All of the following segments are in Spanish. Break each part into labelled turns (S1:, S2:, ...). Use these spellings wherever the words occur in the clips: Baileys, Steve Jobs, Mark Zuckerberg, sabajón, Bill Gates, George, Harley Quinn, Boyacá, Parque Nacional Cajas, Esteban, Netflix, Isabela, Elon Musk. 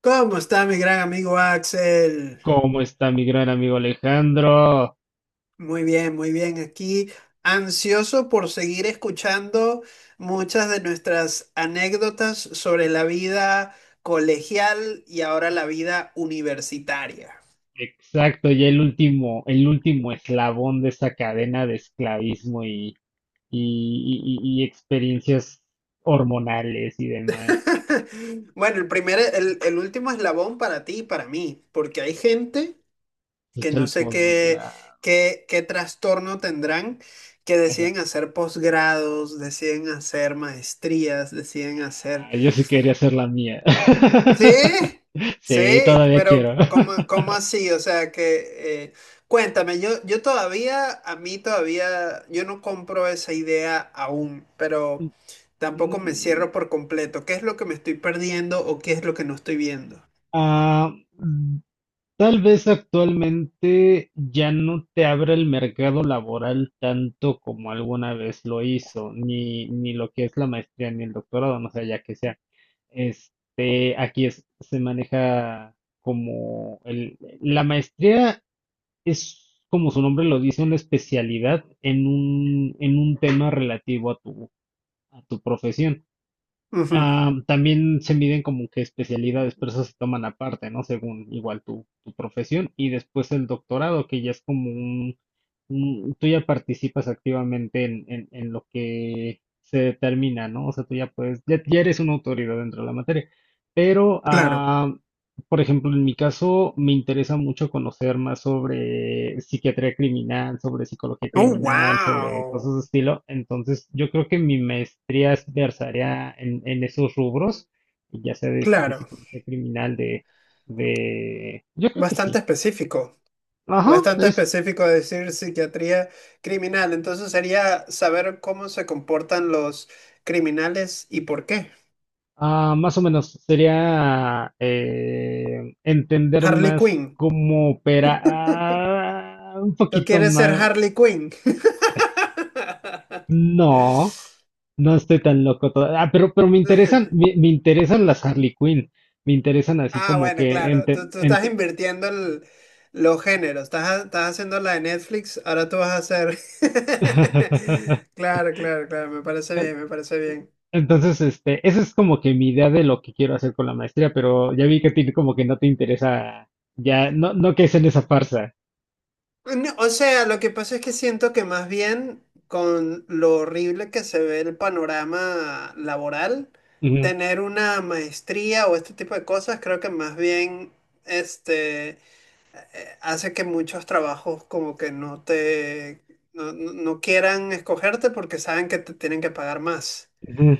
S1: ¿Cómo está mi gran amigo Axel?
S2: ¿Cómo está mi gran amigo Alejandro?
S1: Muy bien, muy bien. Aquí ansioso por seguir escuchando muchas de nuestras anécdotas sobre la vida colegial y ahora la vida universitaria.
S2: Exacto, ya el último eslabón de esa cadena de esclavismo y experiencias hormonales y demás.
S1: Bueno, el último eslabón para ti y para mí, porque hay gente que
S2: Escucha
S1: no
S2: el
S1: sé qué,
S2: posgrado.
S1: qué trastorno tendrán, que deciden
S2: Ajá.
S1: hacer posgrados, deciden hacer maestrías, deciden hacer.
S2: Ah, yo sí quería hacer la mía.
S1: Sí, sí,
S2: Sí, todavía
S1: pero
S2: quiero.
S1: ¿cómo, cómo así? O sea que, cuéntame, a mí todavía, yo no compro esa idea aún, pero tampoco me cierro
S2: Mm,
S1: por completo. ¿Qué es lo que me estoy perdiendo o qué es lo que no estoy viendo?
S2: ah, Tal vez actualmente ya no te abra el mercado laboral tanto como alguna vez lo hizo, ni lo que es la maestría ni el doctorado, no sé, ya que sea. Aquí se maneja como la maestría es, como su nombre lo dice, una especialidad en en un tema relativo a a tu profesión.
S1: Ujú,
S2: Ah, también se miden como que especialidades, pero eso se toman aparte, ¿no? Según igual tu profesión. Y después el doctorado, que ya es como tú ya participas activamente en, en lo que se determina, ¿no? O sea, tú ya puedes, ya eres una autoridad dentro de la materia. Pero
S1: claro.
S2: por ejemplo, en mi caso me interesa mucho conocer más sobre psiquiatría criminal, sobre psicología
S1: Oh,
S2: criminal, sobre cosas
S1: wow.
S2: de estilo. Entonces, yo creo que mi maestría es versaría en esos rubros, ya sea de
S1: Claro.
S2: psicología criminal, de... Yo creo que
S1: Bastante
S2: sí.
S1: específico.
S2: Ajá,
S1: Bastante
S2: es
S1: específico decir psiquiatría criminal. Entonces sería saber cómo se comportan los criminales y por qué.
S2: más o menos. Sería entender
S1: Harley
S2: más
S1: Quinn.
S2: cómo opera un
S1: ¿Tú
S2: poquito
S1: quieres ser
S2: más.
S1: Harley Quinn?
S2: No, no estoy tan loco todavía. Pero me interesan, me interesan las Harley Quinn. Me interesan así
S1: Ah,
S2: como
S1: bueno,
S2: que
S1: claro. Tú estás invirtiendo los géneros. Estás haciendo la de Netflix. Ahora tú vas a hacer. Claro, claro, claro. Me parece
S2: Eh,
S1: bien, me parece bien.
S2: Entonces, esa es como que mi idea de lo que quiero hacer con la maestría, pero ya vi que a ti como que no te interesa, ya, no, no que es en esa farsa.
S1: No, o sea, lo que pasa es que siento que más bien con lo horrible que se ve el panorama laboral,
S2: Ujú,
S1: tener una maestría o este tipo de cosas, creo que más bien este. Hace que muchos trabajos como que no te, no quieran escogerte porque saben que te tienen que pagar más.
S2: ujú,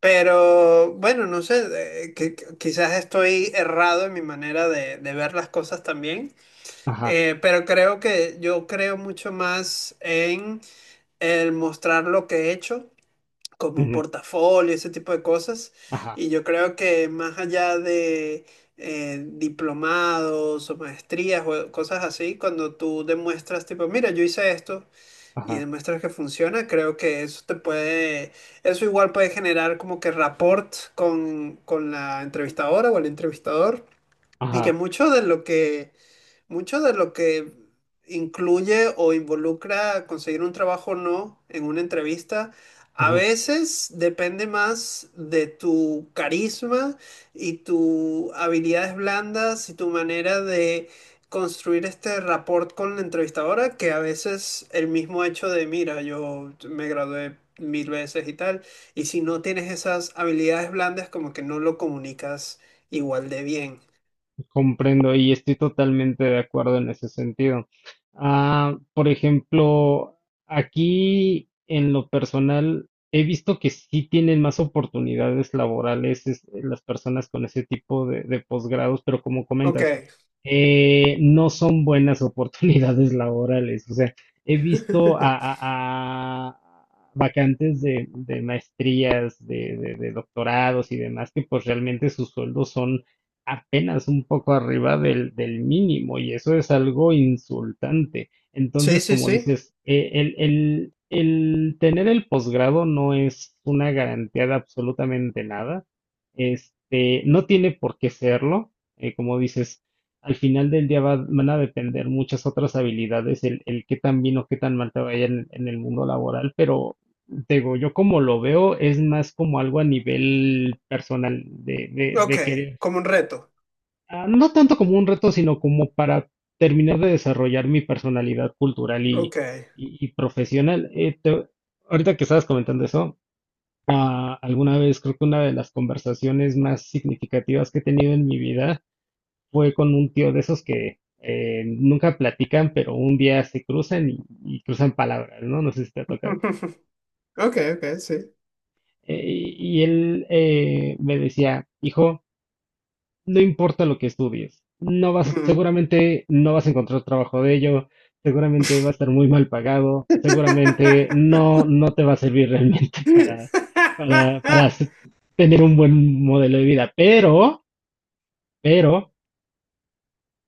S1: Pero bueno, no sé, que quizás estoy errado en mi manera de ver las cosas también,
S2: ajá,
S1: pero creo que yo creo mucho más en el mostrar lo que he hecho como un
S2: ujú,
S1: portafolio, ese tipo de cosas.
S2: ajá,
S1: Y yo creo que más allá de diplomados o maestrías o cosas así, cuando tú demuestras, tipo, mira, yo hice esto y
S2: ajá,
S1: demuestras que funciona, creo que eso te puede, eso igual puede generar como que rapport con la entrevistadora o el entrevistador. Y que
S2: ajá.
S1: mucho de lo que incluye o involucra conseguir un trabajo o no en una entrevista, a veces depende más de tu carisma y tus habilidades blandas y tu manera de construir este rapport con la entrevistadora que a veces el mismo hecho de, mira, yo me gradué mil veces y tal, y si no tienes esas habilidades blandas, como que no lo comunicas igual de bien.
S2: Comprendo y estoy totalmente de acuerdo en ese sentido. Ah, por ejemplo, aquí en lo personal he visto que sí tienen más oportunidades laborales las personas con ese tipo de posgrados, pero como comentas,
S1: Ok.
S2: no son buenas oportunidades laborales. O sea, he visto a, a- a vacantes de maestrías, de doctorados y demás que pues realmente sus sueldos son apenas un poco arriba del mínimo y eso es algo insultante.
S1: Sí,
S2: Entonces,
S1: sí,
S2: como
S1: sí.
S2: dices, el tener el posgrado no es una garantía de absolutamente nada. No tiene por qué serlo. Como dices, al final del día van a depender muchas otras habilidades, el qué tan bien o qué tan mal te vaya en el mundo laboral, pero te digo, yo como lo veo es más como algo a nivel personal, de, de,
S1: Ok,
S2: de querer.
S1: como un reto.
S2: Ah, no tanto como un reto, sino como para terminar de desarrollar mi personalidad cultural y,
S1: Ok.
S2: y- y profesional. Ahorita que estabas comentando eso, alguna vez creo que una de las conversaciones más significativas que he tenido en mi vida fue con un tío de esos que nunca platican, pero un día se cruzan y cruzan palabras, ¿no? No sé si te ha tocado.
S1: Ok, ok, sí.
S2: Y él me decía: hijo, no importa lo que estudies, no vas,
S1: Ujú.
S2: seguramente no vas a encontrar trabajo de ello, seguramente va a estar muy mal pagado, seguramente no, no te va a servir realmente para tener un buen modelo de vida, pero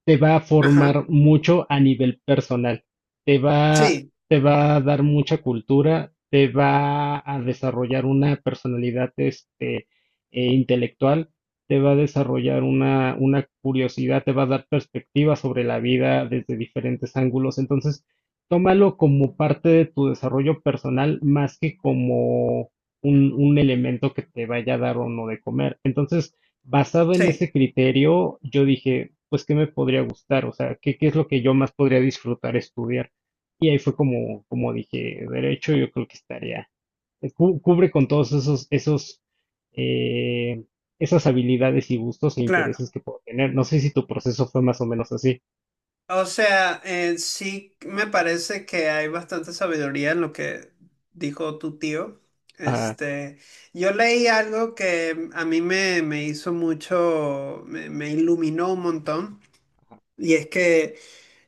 S2: te va a
S1: Ajá.
S2: formar mucho a nivel personal, te va,
S1: Sí,
S2: te va a dar mucha cultura, te va a desarrollar una personalidad intelectual, te va a desarrollar una curiosidad, te va a dar perspectiva sobre la vida desde diferentes ángulos. Entonces, tómalo como parte de tu desarrollo personal más que como un elemento que te vaya a dar o no de comer. Entonces, basado en
S1: sí,
S2: ese criterio, yo dije, pues, ¿qué me podría gustar? O sea, ¿qué es lo que yo más podría disfrutar estudiar? Y ahí fue como, como dije, derecho, yo creo que estaría, cubre con todos esos, eh, esas habilidades y gustos e
S1: claro.
S2: intereses que puedo tener. No sé si tu proceso fue más o menos así.
S1: O sea, sí me parece que hay bastante sabiduría en lo que dijo tu tío.
S2: Ajá,
S1: Este, yo leí algo que a mí me hizo mucho, me iluminó un montón, y es que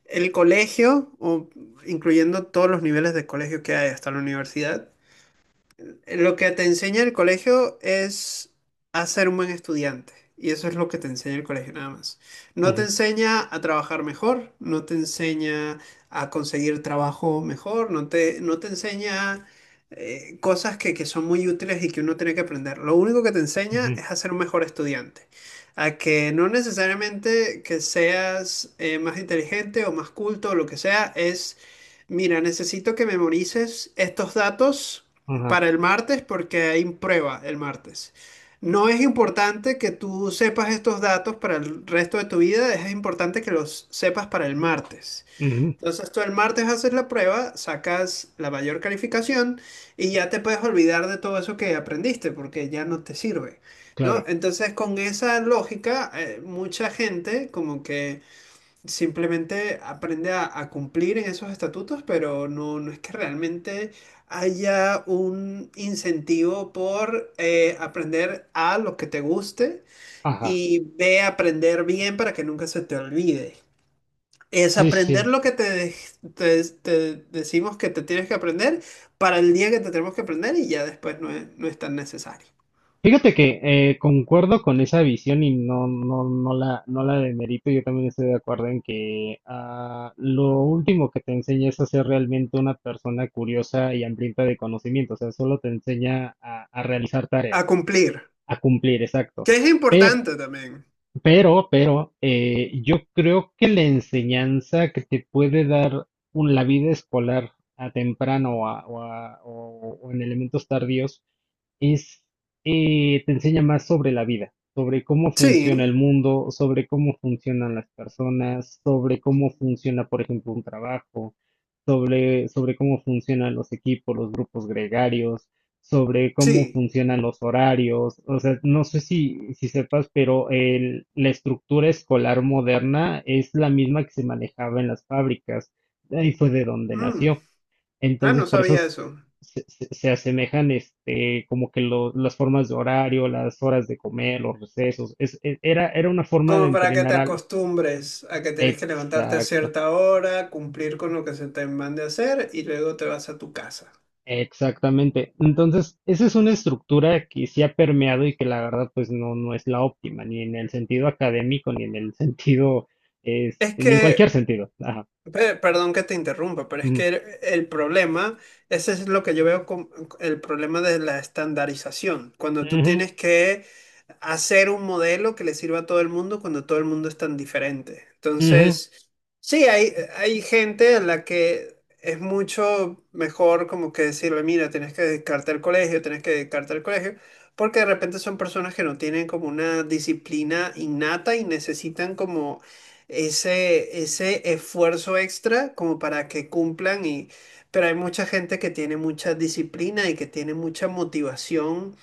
S1: el colegio, o incluyendo todos los niveles de colegio que hay hasta la universidad, lo que te enseña el colegio es a ser un buen estudiante. Y eso es lo que te enseña el colegio nada más. No te
S2: ujú,
S1: enseña a trabajar mejor, no te enseña a conseguir trabajo mejor, no te enseña cosas que son muy útiles y que uno tiene que aprender. Lo único que te enseña
S2: ujú,
S1: es a ser un mejor estudiante. A que no necesariamente que seas más inteligente o más culto o lo que sea, es, mira, necesito que memorices estos datos
S2: ajá,
S1: para el martes porque hay prueba el martes. No es importante que tú sepas estos datos para el resto de tu vida, es importante que los sepas para el martes.
S2: ujú,
S1: Entonces tú el martes haces la prueba, sacas la mayor calificación y ya te puedes olvidar de todo eso que aprendiste porque ya no te sirve, ¿no?
S2: claro,
S1: Entonces con esa lógica, mucha gente como que simplemente aprende a cumplir en esos estatutos, pero no, no es que realmente haya un incentivo por aprender a lo que te guste
S2: ajá,
S1: y ve a aprender bien para que nunca se te olvide. Es
S2: sí,
S1: aprender
S2: sí.
S1: lo que te, te decimos que te tienes que aprender para el día que te tenemos que aprender y ya después no es tan necesario.
S2: Fíjate que concuerdo con esa visión y no, no, no la demerito. Yo también estoy de acuerdo en que lo último que te enseña es a ser realmente una persona curiosa y hambrienta de conocimiento. O sea, solo te enseña a realizar tareas,
S1: A cumplir,
S2: a cumplir, exacto.
S1: que es
S2: Pero,
S1: importante también.
S2: pero, yo creo que la enseñanza que te puede dar la vida escolar a temprano o en elementos tardíos es, te enseña más sobre la vida, sobre cómo funciona
S1: Sí,
S2: el mundo, sobre cómo funcionan las personas, sobre cómo funciona, por ejemplo, un trabajo, sobre cómo funcionan los equipos, los grupos gregarios, sobre cómo
S1: sí.
S2: funcionan los horarios. O sea, no sé si sepas, pero la estructura escolar moderna es la misma que se manejaba en las fábricas. Ahí fue de donde
S1: Mm.
S2: nació.
S1: Ah, no
S2: Entonces, por eso
S1: sabía
S2: s-
S1: eso.
S2: se, se- se asemejan, como que las formas de horario, las horas de comer, los recesos. Era una forma de
S1: Como para que te
S2: entrenar algo.
S1: acostumbres a que tienes que levantarte a
S2: Exacto,
S1: cierta hora, cumplir con lo que se te mande a hacer y luego te vas a tu casa.
S2: exactamente. Entonces, esa es una estructura que sí ha permeado y que la verdad, pues no es la óptima, ni en el sentido académico, ni en el sentido,
S1: Es
S2: ni en cualquier
S1: que,
S2: sentido. Ajá.
S1: perdón que te interrumpa, pero es
S2: Ujú,
S1: que el problema, ese es lo que yo veo como el problema de la estandarización. Cuando tú
S2: ujú,
S1: tienes que hacer un modelo que le sirva a todo el mundo cuando todo el mundo es tan diferente.
S2: ujú,
S1: Entonces, sí, hay gente a la que es mucho mejor como que decirle, mira, tienes que dedicarte al colegio, tienes que dedicarte al colegio, porque de repente son personas que no tienen como una disciplina innata y necesitan como ese esfuerzo extra como para que cumplan y... Pero hay mucha gente que tiene mucha disciplina y que tiene mucha motivación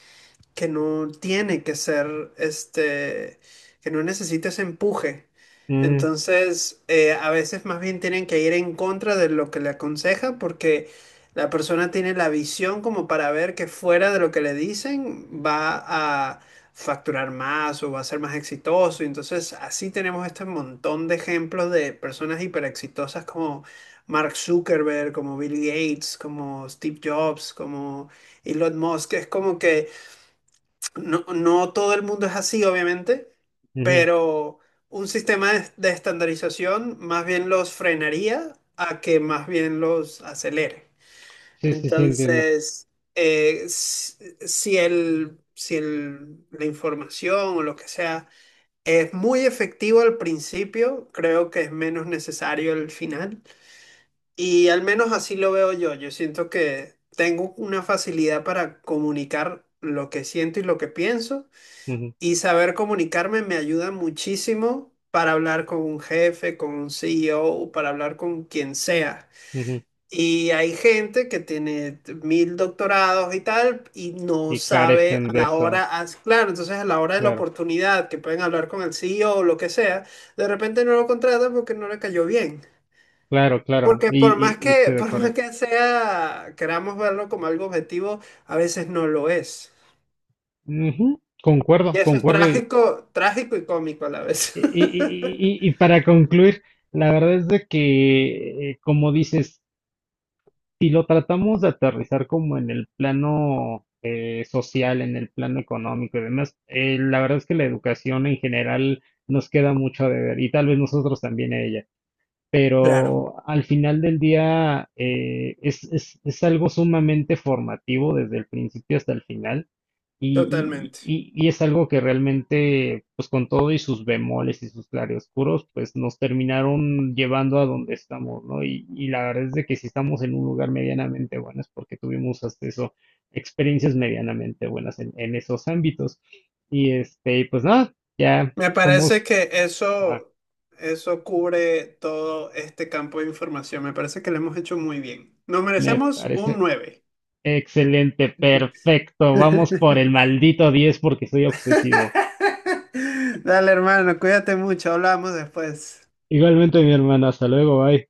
S1: que no tiene que ser, este, que no necesita ese empuje.
S2: ujú,
S1: Entonces, a veces más bien tienen que ir en contra de lo que le aconseja porque la persona tiene la visión como para ver que fuera de lo que le dicen va a facturar más o va a ser más exitoso. Y entonces, así tenemos este montón de ejemplos de personas hiper exitosas como Mark Zuckerberg, como Bill Gates, como Steve Jobs, como Elon Musk. Es como que no, no todo el mundo es así, obviamente,
S2: ujú.
S1: pero un sistema de estandarización más bien los frenaría a que más bien los acelere.
S2: Sí, sí, sí, entiendo.
S1: Entonces, eh, s- si el, la información o lo que sea es muy efectivo al principio, creo que es menos necesario el final. Y al menos así lo veo yo. Yo siento que tengo una facilidad para comunicar lo que siento y lo que pienso.
S2: Ujú,
S1: Y saber comunicarme me ayuda muchísimo para hablar con un jefe, con un CEO, para hablar con quien sea.
S2: ujú.
S1: Y hay gente que tiene mil doctorados y tal y no
S2: Y
S1: sabe
S2: carecen
S1: a
S2: de
S1: la hora,
S2: eso,
S1: as- claro, entonces a la hora de la
S2: claro.
S1: oportunidad que pueden hablar con el CEO o lo que sea, de repente no lo contratan porque no le cayó bien.
S2: Claro, claro,
S1: Porque por
S2: y, y-
S1: más
S2: y
S1: que,
S2: estoy de
S1: por más
S2: acuerdo.
S1: que sea, queramos verlo como algo objetivo, a veces no lo es.
S2: Ujú,
S1: Y
S2: concuerdo,
S1: eso es
S2: concuerdo.
S1: trágico, trágico y cómico a la vez.
S2: Y- y- y para concluir, la verdad es de que, como dices, si lo tratamos de aterrizar como en el plano social, en el plano económico y demás, la verdad es que la educación en general nos queda mucho a deber y tal vez nosotros también a ella.
S1: Claro,
S2: Pero al final del día es algo sumamente formativo desde el principio hasta el final y,
S1: totalmente.
S2: y- y- y es algo que realmente, pues con todo y sus bemoles y sus claroscuros, pues nos terminaron llevando a donde estamos, ¿no? Y la verdad es de que si estamos en un lugar medianamente bueno es porque tuvimos hasta eso, experiencias medianamente buenas en esos ámbitos. Y pues nada, ya
S1: Me parece
S2: somos.
S1: que
S2: Ajá,
S1: eso cubre todo este campo de información. Me parece que lo hemos hecho muy bien. Nos
S2: me
S1: merecemos un
S2: parece
S1: nueve.
S2: excelente, perfecto. Vamos por el maldito 10 porque soy obsesivo.
S1: Dale, hermano, cuídate mucho. Hablamos después.
S2: Igualmente, mi hermano, hasta luego, bye.